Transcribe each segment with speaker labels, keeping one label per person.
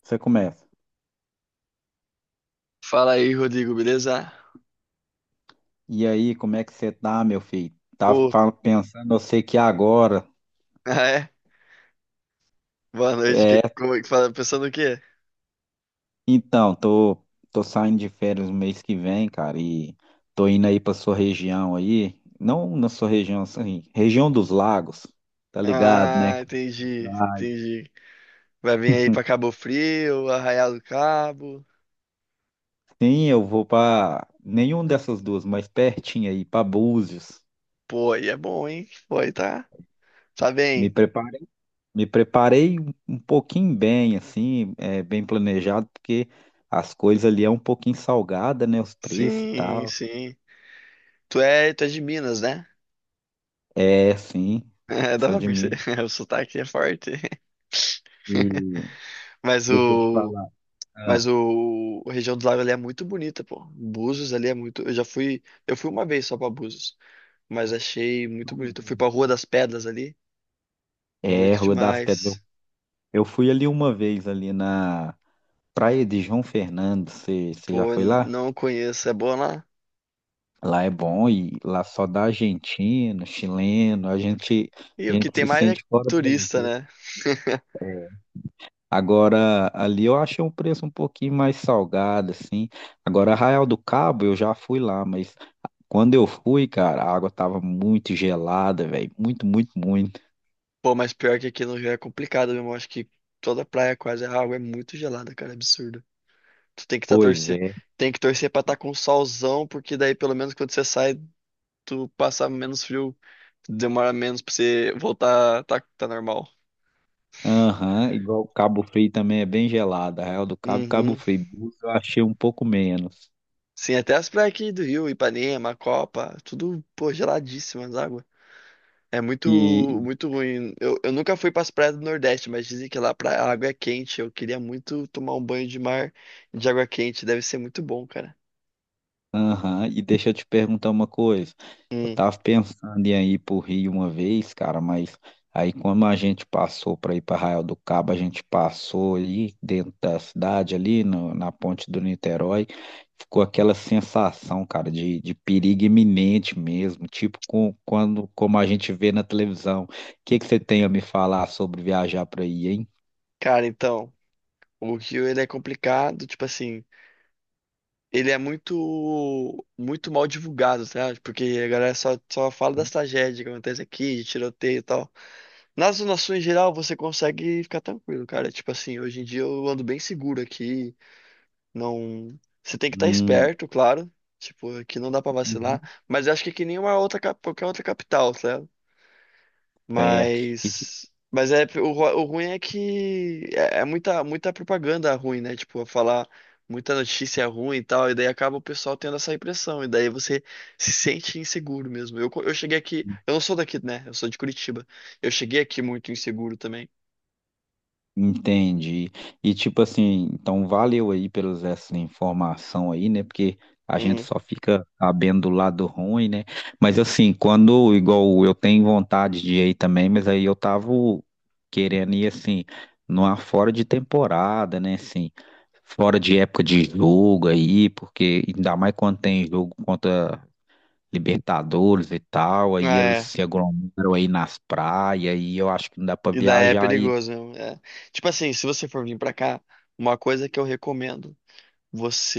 Speaker 1: Você começa.
Speaker 2: Fala aí, Rodrigo, beleza?
Speaker 1: E aí, como é que você tá, meu filho?
Speaker 2: Ô,
Speaker 1: Pensando, eu sei que agora.
Speaker 2: ah, é? Boa noite. Que,
Speaker 1: É,
Speaker 2: como é que fala? Pensando o quê?
Speaker 1: então, tô, Tô saindo de férias no mês que vem, cara, e tô indo aí pra sua região aí. Não na sua região, assim, região dos lagos, tá ligado, né?
Speaker 2: Ah, entendi, entendi. Vai vir aí pra Cabo Frio, Arraial do Cabo.
Speaker 1: Sim, eu vou pra nenhuma dessas duas, mas pertinho aí, pra Búzios.
Speaker 2: Pô, aí é bom, hein? Pô, aí tá, tá
Speaker 1: Me
Speaker 2: bem.
Speaker 1: Me preparei um pouquinho bem, assim, bem planejado, porque as coisas ali é um pouquinho salgada, né? Os preços e
Speaker 2: Sim,
Speaker 1: tal.
Speaker 2: sim. Tu é de Minas, né?
Speaker 1: É, sim,
Speaker 2: É, dá
Speaker 1: sou
Speaker 2: pra
Speaker 1: de
Speaker 2: perceber.
Speaker 1: Minas.
Speaker 2: O sotaque é forte.
Speaker 1: E
Speaker 2: Mas
Speaker 1: deixa eu te
Speaker 2: o,
Speaker 1: falar. Ah,
Speaker 2: mas a região do lago ali é muito bonita, pô. Búzios ali é muito. Eu fui uma vez só pra Búzios, mas achei muito bonito. Eu fui pra Rua das Pedras ali,
Speaker 1: é,
Speaker 2: bonito
Speaker 1: Rua das Pedras.
Speaker 2: demais.
Speaker 1: Eu fui ali uma vez ali na Praia de João Fernando. Você já
Speaker 2: Pô,
Speaker 1: foi lá?
Speaker 2: não conheço, é bom lá?
Speaker 1: Lá é bom e lá só dá argentino, chileno.
Speaker 2: E
Speaker 1: A
Speaker 2: o que
Speaker 1: gente
Speaker 2: tem
Speaker 1: se
Speaker 2: mais é
Speaker 1: sente fora do
Speaker 2: turista,
Speaker 1: Brasil.
Speaker 2: né?
Speaker 1: Agora, ali eu achei um preço um pouquinho mais salgado, assim. Agora, Arraial do Cabo, eu já fui lá, mas quando eu fui, cara, a água tava muito gelada, velho. Muito, muito, muito.
Speaker 2: Pô, mas pior que aqui no Rio é complicado mesmo. Eu acho que toda praia quase a água é muito gelada, cara, é absurdo. Tu tem que tá
Speaker 1: Pois
Speaker 2: torcer,
Speaker 1: é.
Speaker 2: Tem que torcer pra estar com solzão, porque daí pelo menos quando você sai, tu passa menos frio, demora menos pra você voltar, tá, tá normal.
Speaker 1: Aham, igual o Cabo Frio também é bem gelado. Arraial do Cabo, Cabo
Speaker 2: Uhum.
Speaker 1: Frio. Búzios eu achei um pouco menos.
Speaker 2: Sim, até as praias aqui do Rio, Ipanema, Copa, tudo, pô, geladíssimas águas. É muito,
Speaker 1: E,
Speaker 2: muito ruim. Eu nunca fui para as praias do Nordeste, mas dizem que lá pra, a água é quente. Eu queria muito tomar um banho de mar de água quente. Deve ser muito bom, cara.
Speaker 1: Aham, e deixa eu te perguntar uma coisa. Eu
Speaker 2: Hum.
Speaker 1: tava pensando em ir pro Rio uma vez, cara, mas aí como a gente passou para ir para Arraial do Cabo, a gente passou ali dentro da cidade, ali na ponte do Niterói, ficou aquela sensação, cara, de perigo iminente mesmo, como a gente vê na televisão. O que que você tem a me falar sobre viajar para aí, hein?
Speaker 2: Cara, então, o Rio ele é complicado, tipo assim, ele é muito, muito mal divulgado, sabe? Porque a galera só fala das tragédias que acontecem aqui, de tiroteio e tal. Nas zonas sul em geral, você consegue ficar tranquilo, cara. Tipo assim, hoje em dia eu ando bem seguro aqui. Não, você tem que estar
Speaker 1: Hum,
Speaker 2: esperto, claro. Tipo, que não dá pra vacilar,
Speaker 1: uhum.
Speaker 2: mas eu acho que é que nem uma outra qualquer outra capital, sabe?
Speaker 1: É.
Speaker 2: Mas é o, o ruim é que é, é muita propaganda ruim, né? Tipo, falar muita notícia ruim e tal, e daí acaba o pessoal tendo essa impressão, e daí você se sente inseguro mesmo. Eu cheguei aqui, eu não sou daqui, né? Eu sou de Curitiba. Eu cheguei aqui muito inseguro também.
Speaker 1: Entendi. E tipo assim, então valeu aí pelas essa informação aí, né? Porque a gente
Speaker 2: Hum.
Speaker 1: só fica sabendo do lado ruim, né? Mas assim, quando igual eu tenho vontade de ir também, mas aí eu tava querendo ir assim, numa fora de temporada, né? Assim, fora de época de jogo aí, porque ainda mais quando tem jogo contra Libertadores e tal, aí
Speaker 2: Ah,
Speaker 1: eles
Speaker 2: é.
Speaker 1: se aglomeram aí nas praias, e eu acho que não dá pra
Speaker 2: E daí é
Speaker 1: viajar aí.
Speaker 2: perigoso mesmo. É. Tipo assim, se você for vir pra cá, uma coisa que eu recomendo,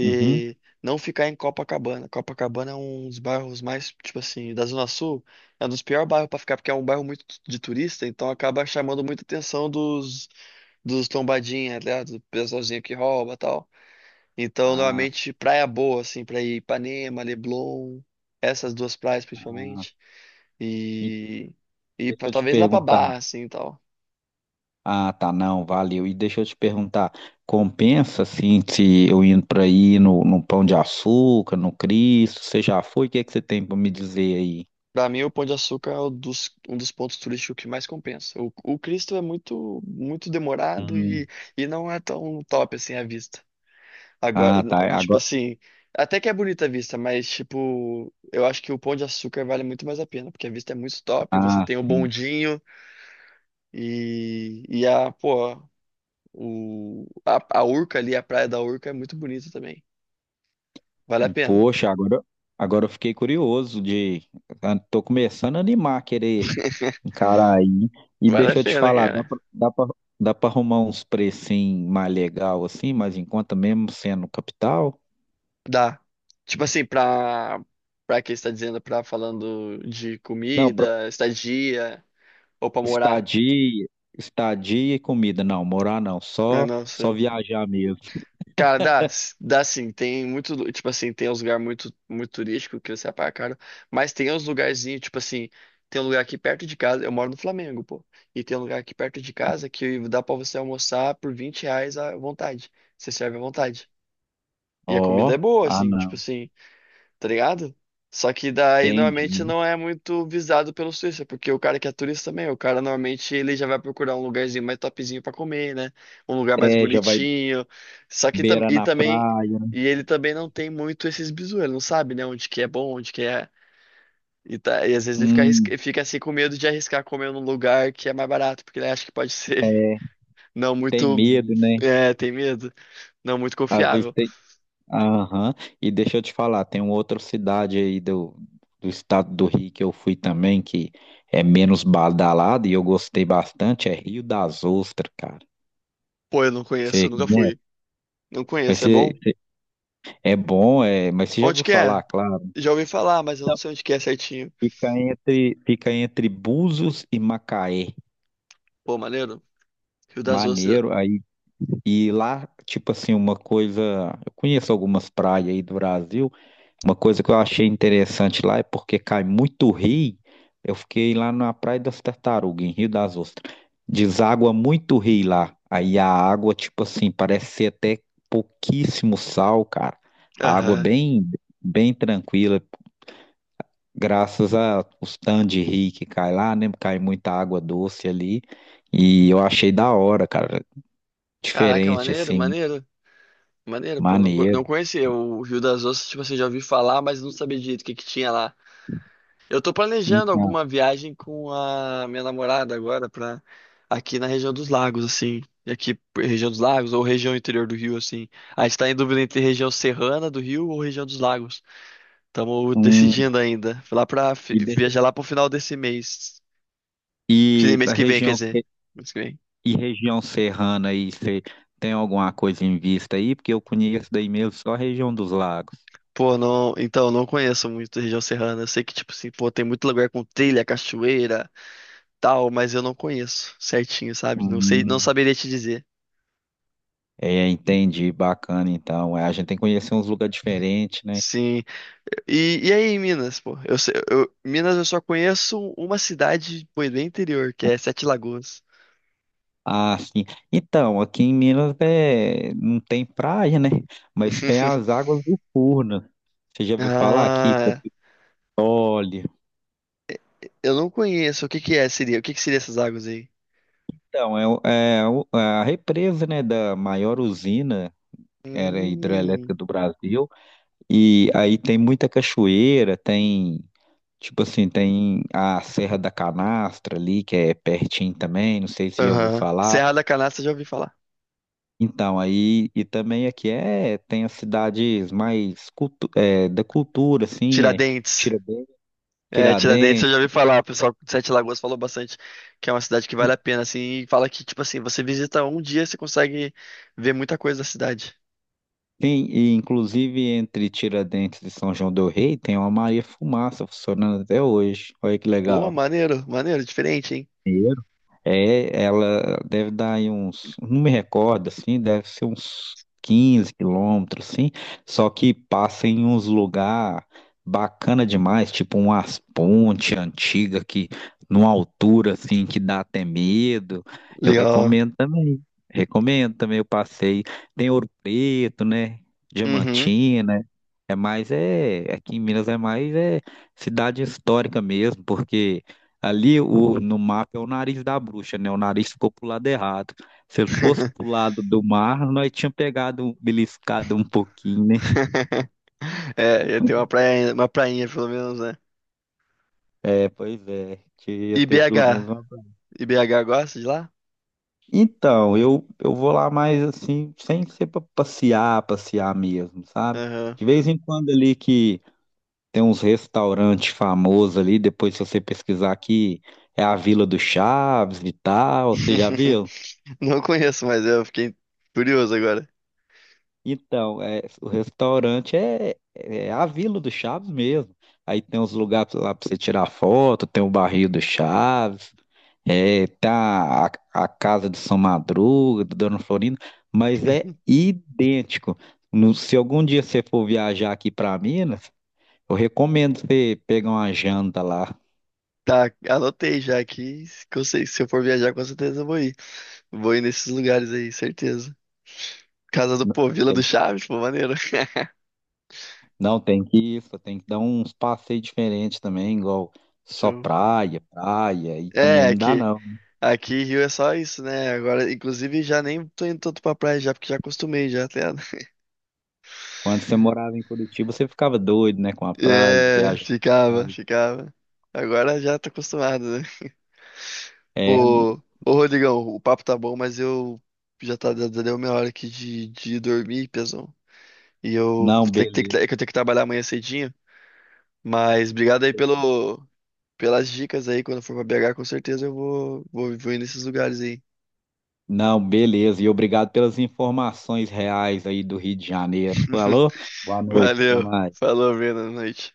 Speaker 1: Uhum.
Speaker 2: não ficar em Copacabana. Copacabana é um dos bairros mais, tipo assim, da Zona Sul, é um dos piores bairros pra ficar, porque é um bairro muito de turista, então acaba chamando muita atenção dos, dos tombadinha, né? Do pessoalzinho que rouba e tal. Então,
Speaker 1: Ah,
Speaker 2: normalmente, praia boa, assim, pra ir Ipanema, Leblon, essas duas praias principalmente.
Speaker 1: e
Speaker 2: E, e
Speaker 1: deixa
Speaker 2: pra,
Speaker 1: eu te
Speaker 2: talvez lá pra
Speaker 1: perguntar.
Speaker 2: Barra, assim, e tal.
Speaker 1: Ah, tá, não, valeu. E deixa eu te perguntar, compensa assim se eu indo para aí no Pão de Açúcar, no Cristo? Você já foi? O que é que você tem para me dizer aí?
Speaker 2: Pra mim, o Pão de Açúcar é um dos pontos turísticos que mais compensa. O Cristo é muito muito demorado
Speaker 1: Hum,
Speaker 2: e não é tão top assim a vista. Agora,
Speaker 1: Ah, tá.
Speaker 2: tipo
Speaker 1: Agora,
Speaker 2: assim, até que é bonita a vista, mas tipo, eu acho que o Pão de Açúcar vale muito mais a pena, porque a vista é muito top, você
Speaker 1: ah,
Speaker 2: tem o
Speaker 1: sim.
Speaker 2: bondinho e, pô, a Urca ali, a praia da Urca é muito bonita também. Vale a pena.
Speaker 1: Poxa, agora eu fiquei curioso de, ah, tô começando a animar, querer encarar aí. E
Speaker 2: Vale a
Speaker 1: deixa eu te
Speaker 2: pena,
Speaker 1: falar,
Speaker 2: cara.
Speaker 1: dá pra arrumar uns precinhos mais legal assim, mas enquanto mesmo sendo capital?
Speaker 2: Dá. Tipo assim, pra, pra quem está dizendo, pra falando de
Speaker 1: Não,
Speaker 2: comida, estadia, ou pra morar.
Speaker 1: estadia, estadia e comida. Não, morar não.
Speaker 2: Ah, não,
Speaker 1: Só
Speaker 2: sim.
Speaker 1: viajar mesmo.
Speaker 2: Cara, dá, dá sim. Tem muito, tipo assim, tem uns lugares muito, muito turístico que você paga caro, mas tem uns lugarzinhos, tipo assim, tem um lugar aqui perto de casa, eu moro no Flamengo, pô, e tem um lugar aqui perto de casa que dá pra você almoçar por 20 reais à vontade. Você serve à vontade.
Speaker 1: Ó,
Speaker 2: E a comida é boa,
Speaker 1: ah
Speaker 2: assim, tipo
Speaker 1: não,
Speaker 2: assim, tá ligado? Só que daí normalmente
Speaker 1: entendi.
Speaker 2: não é muito visado pelo turista, porque o cara que é turista também, o cara normalmente ele já vai procurar um lugarzinho mais topzinho pra comer, né? Um lugar mais
Speaker 1: É, já vai
Speaker 2: bonitinho.
Speaker 1: beira
Speaker 2: E
Speaker 1: na
Speaker 2: também
Speaker 1: praia.
Speaker 2: ele também não tem muito esses bizu, ele não sabe, né, onde que é bom, onde que é. E às vezes ele fica,
Speaker 1: Hum,
Speaker 2: ele fica assim com medo de arriscar comer num lugar que é mais barato, porque ele acha que pode ser
Speaker 1: é.
Speaker 2: não
Speaker 1: Tem
Speaker 2: muito,
Speaker 1: medo, né?
Speaker 2: é, tem medo, não muito
Speaker 1: Às vezes
Speaker 2: confiável.
Speaker 1: tem. Aham. E deixa eu te falar, tem uma outra cidade aí do, do estado do Rio que eu fui também, que é menos badalada e eu gostei bastante, é Rio das Ostras, cara.
Speaker 2: Pô, eu não conheço,
Speaker 1: Você
Speaker 2: nunca
Speaker 1: conhece?
Speaker 2: fui. Não
Speaker 1: Mas
Speaker 2: conheço, é
Speaker 1: você,
Speaker 2: bom?
Speaker 1: você- é bom, é, mas você já
Speaker 2: Onde
Speaker 1: ouviu
Speaker 2: que
Speaker 1: falar,
Speaker 2: é?
Speaker 1: claro.
Speaker 2: Já ouvi falar, mas eu não sei onde que é certinho.
Speaker 1: Fica entre Búzios e Macaé.
Speaker 2: Pô, maneiro. Rio das Ostras.
Speaker 1: Maneiro aí. E lá, tipo assim, uma coisa. Eu conheço algumas praias aí do Brasil. Uma coisa que eu achei interessante lá é porque cai muito rio. Eu fiquei lá na Praia das Tartarugas, em Rio das Ostras. Deságua muito rio lá. Aí a água, tipo assim, parece ser até pouquíssimo sal, cara. A água
Speaker 2: Aham.
Speaker 1: bem, bem tranquila. Graças a os tanques de rio que cai lá, né? Cai muita água doce ali. E eu achei da hora, cara.
Speaker 2: Caraca,
Speaker 1: Diferente,
Speaker 2: maneiro,
Speaker 1: assim,
Speaker 2: maneiro. Maneiro, pô. Não,
Speaker 1: maneiro.
Speaker 2: não conhecia o Rio das Ostras, tipo assim, já ouvi falar, mas não sabia direito o que que tinha lá. Eu tô planejando
Speaker 1: Então,
Speaker 2: alguma viagem com a minha namorada agora pra aqui na região dos lagos, assim. E aqui, região dos lagos ou região interior do Rio, assim. A gente tá em dúvida entre região serrana do Rio ou região dos lagos. Estamos
Speaker 1: hum,
Speaker 2: decidindo ainda. Fui lá pra
Speaker 1: e, deixa-
Speaker 2: viajar lá pro final desse mês. Que
Speaker 1: e
Speaker 2: mês
Speaker 1: a
Speaker 2: que vem, quer
Speaker 1: região,
Speaker 2: dizer. Mês que vem.
Speaker 1: e região serrana aí, você tem alguma coisa em vista aí? Porque eu conheço daí mesmo só a região dos lagos.
Speaker 2: Pô, não. Então, não conheço muito a região serrana. Eu sei que, tipo assim, pô, tem muito lugar com trilha, cachoeira, tal, mas eu não conheço certinho, sabe? Não sei, não
Speaker 1: Hum,
Speaker 2: saberia te dizer.
Speaker 1: é, entendi, bacana então. É, a gente tem que conhecer uns lugares diferentes, né?
Speaker 2: Sim. E aí, em Minas, pô? Minas eu só conheço uma cidade, pô, bem interior, que é Sete Lagoas.
Speaker 1: Ah, sim. Então, aqui em Minas é não tem praia, né? Mas tem as águas do Furnas. Você já ouviu falar aqui,
Speaker 2: Ah,
Speaker 1: Capitólio?
Speaker 2: eu não conheço. O que que é, seria? O que que seria essas águas aí?
Speaker 1: Então, é, é a represa, né, da maior usina era hidrelétrica
Speaker 2: Hum.
Speaker 1: do Brasil. E aí tem muita cachoeira, tem, tipo assim, tem a Serra da Canastra ali, que é pertinho também, não sei se você já ouviu
Speaker 2: Aham.
Speaker 1: falar.
Speaker 2: Serra da Canastra, já ouvi falar.
Speaker 1: Então, aí, e também aqui é, tem as cidades mais cultu é, da cultura, assim, é
Speaker 2: Tiradentes.
Speaker 1: Tiradentes,
Speaker 2: É, Tiradentes eu
Speaker 1: Tiradentes.
Speaker 2: já ouvi falar, o pessoal de Sete Lagoas falou bastante que é uma cidade que vale a pena, assim, e fala que, tipo assim, você visita um dia, você consegue ver muita coisa da cidade.
Speaker 1: Tem, e inclusive entre Tiradentes e São João do Rei tem uma Maria Fumaça funcionando até hoje. Olha que
Speaker 2: Pô,
Speaker 1: legal.
Speaker 2: maneiro, maneiro, diferente, hein?
Speaker 1: É, ela deve dar aí uns, não me recordo assim, deve ser uns 15 quilômetros, assim, só que passa em uns lugar bacana demais, tipo umas ponte antiga que numa altura assim que dá até medo. Eu
Speaker 2: Legal.
Speaker 1: recomendo também. Recomendo também o passeio. Tem Ouro Preto, né?
Speaker 2: Uhum.
Speaker 1: Diamantina. Aqui em Minas é mais é cidade histórica mesmo, porque ali no mapa é o nariz da bruxa, né? O nariz ficou pro lado errado. Se ele fosse pro lado do mar, nós tínhamos pegado, beliscado um pouquinho, né?
Speaker 2: É, ia ter uma praia, uma prainha, pelo menos, né?
Speaker 1: É, pois é. Queria
Speaker 2: E
Speaker 1: ter pelo
Speaker 2: BH?
Speaker 1: menos uma.
Speaker 2: E BH gosta de lá?
Speaker 1: Então, eu vou lá mais assim, sem ser pra passear, passear mesmo, sabe?
Speaker 2: Aham.
Speaker 1: De vez em quando ali que tem uns restaurantes famosos ali, depois se você pesquisar aqui, é a Vila do Chaves e tal, você já viu?
Speaker 2: Não conheço, mas eu fiquei curioso agora.
Speaker 1: Então, é, é a Vila do Chaves mesmo. Aí tem uns lugares lá pra você tirar foto, tem o barril do Chaves, é, tá a casa de São Madruga, do Dona Florinda, mas é idêntico. Se algum dia você for viajar aqui pra Minas, eu recomendo você pegar uma janta lá.
Speaker 2: Tá, anotei já aqui, que eu sei, se eu for viajar, com certeza eu vou ir. Vou ir nesses lugares aí, certeza. Casa do
Speaker 1: Não
Speaker 2: Povo, Vila do
Speaker 1: tem,
Speaker 2: Chaves, pô, maneiro.
Speaker 1: não tem que ir, só tem que dar uns passeios diferentes também, igual só
Speaker 2: Show.
Speaker 1: praia, praia, e
Speaker 2: É,
Speaker 1: também não dá
Speaker 2: aqui,
Speaker 1: não.
Speaker 2: aqui Rio é só isso, né? Agora, inclusive, já nem tô indo tanto pra praia já, porque já acostumei já até.
Speaker 1: Quando você morava em Curitiba, você ficava doido, né? Com a praia, de
Speaker 2: É,
Speaker 1: viagem.
Speaker 2: ficava, ficava. Agora já tô acostumado, né?
Speaker 1: É,
Speaker 2: Pô,
Speaker 1: no-
Speaker 2: ô Rodrigão, o papo tá bom, mas eu já deu minha hora aqui de dormir, pesão. E eu vou
Speaker 1: não,
Speaker 2: ter
Speaker 1: beleza.
Speaker 2: que eu tenho que trabalhar amanhã cedinho. Mas obrigado aí pelo, pelas dicas aí, quando for pra BH, com certeza eu vou ir nesses lugares aí.
Speaker 1: Não, beleza. E obrigado pelas informações reais aí do Rio de Janeiro. Falou? Boa noite, até
Speaker 2: Valeu,
Speaker 1: mais.
Speaker 2: falou, Breno, boa noite.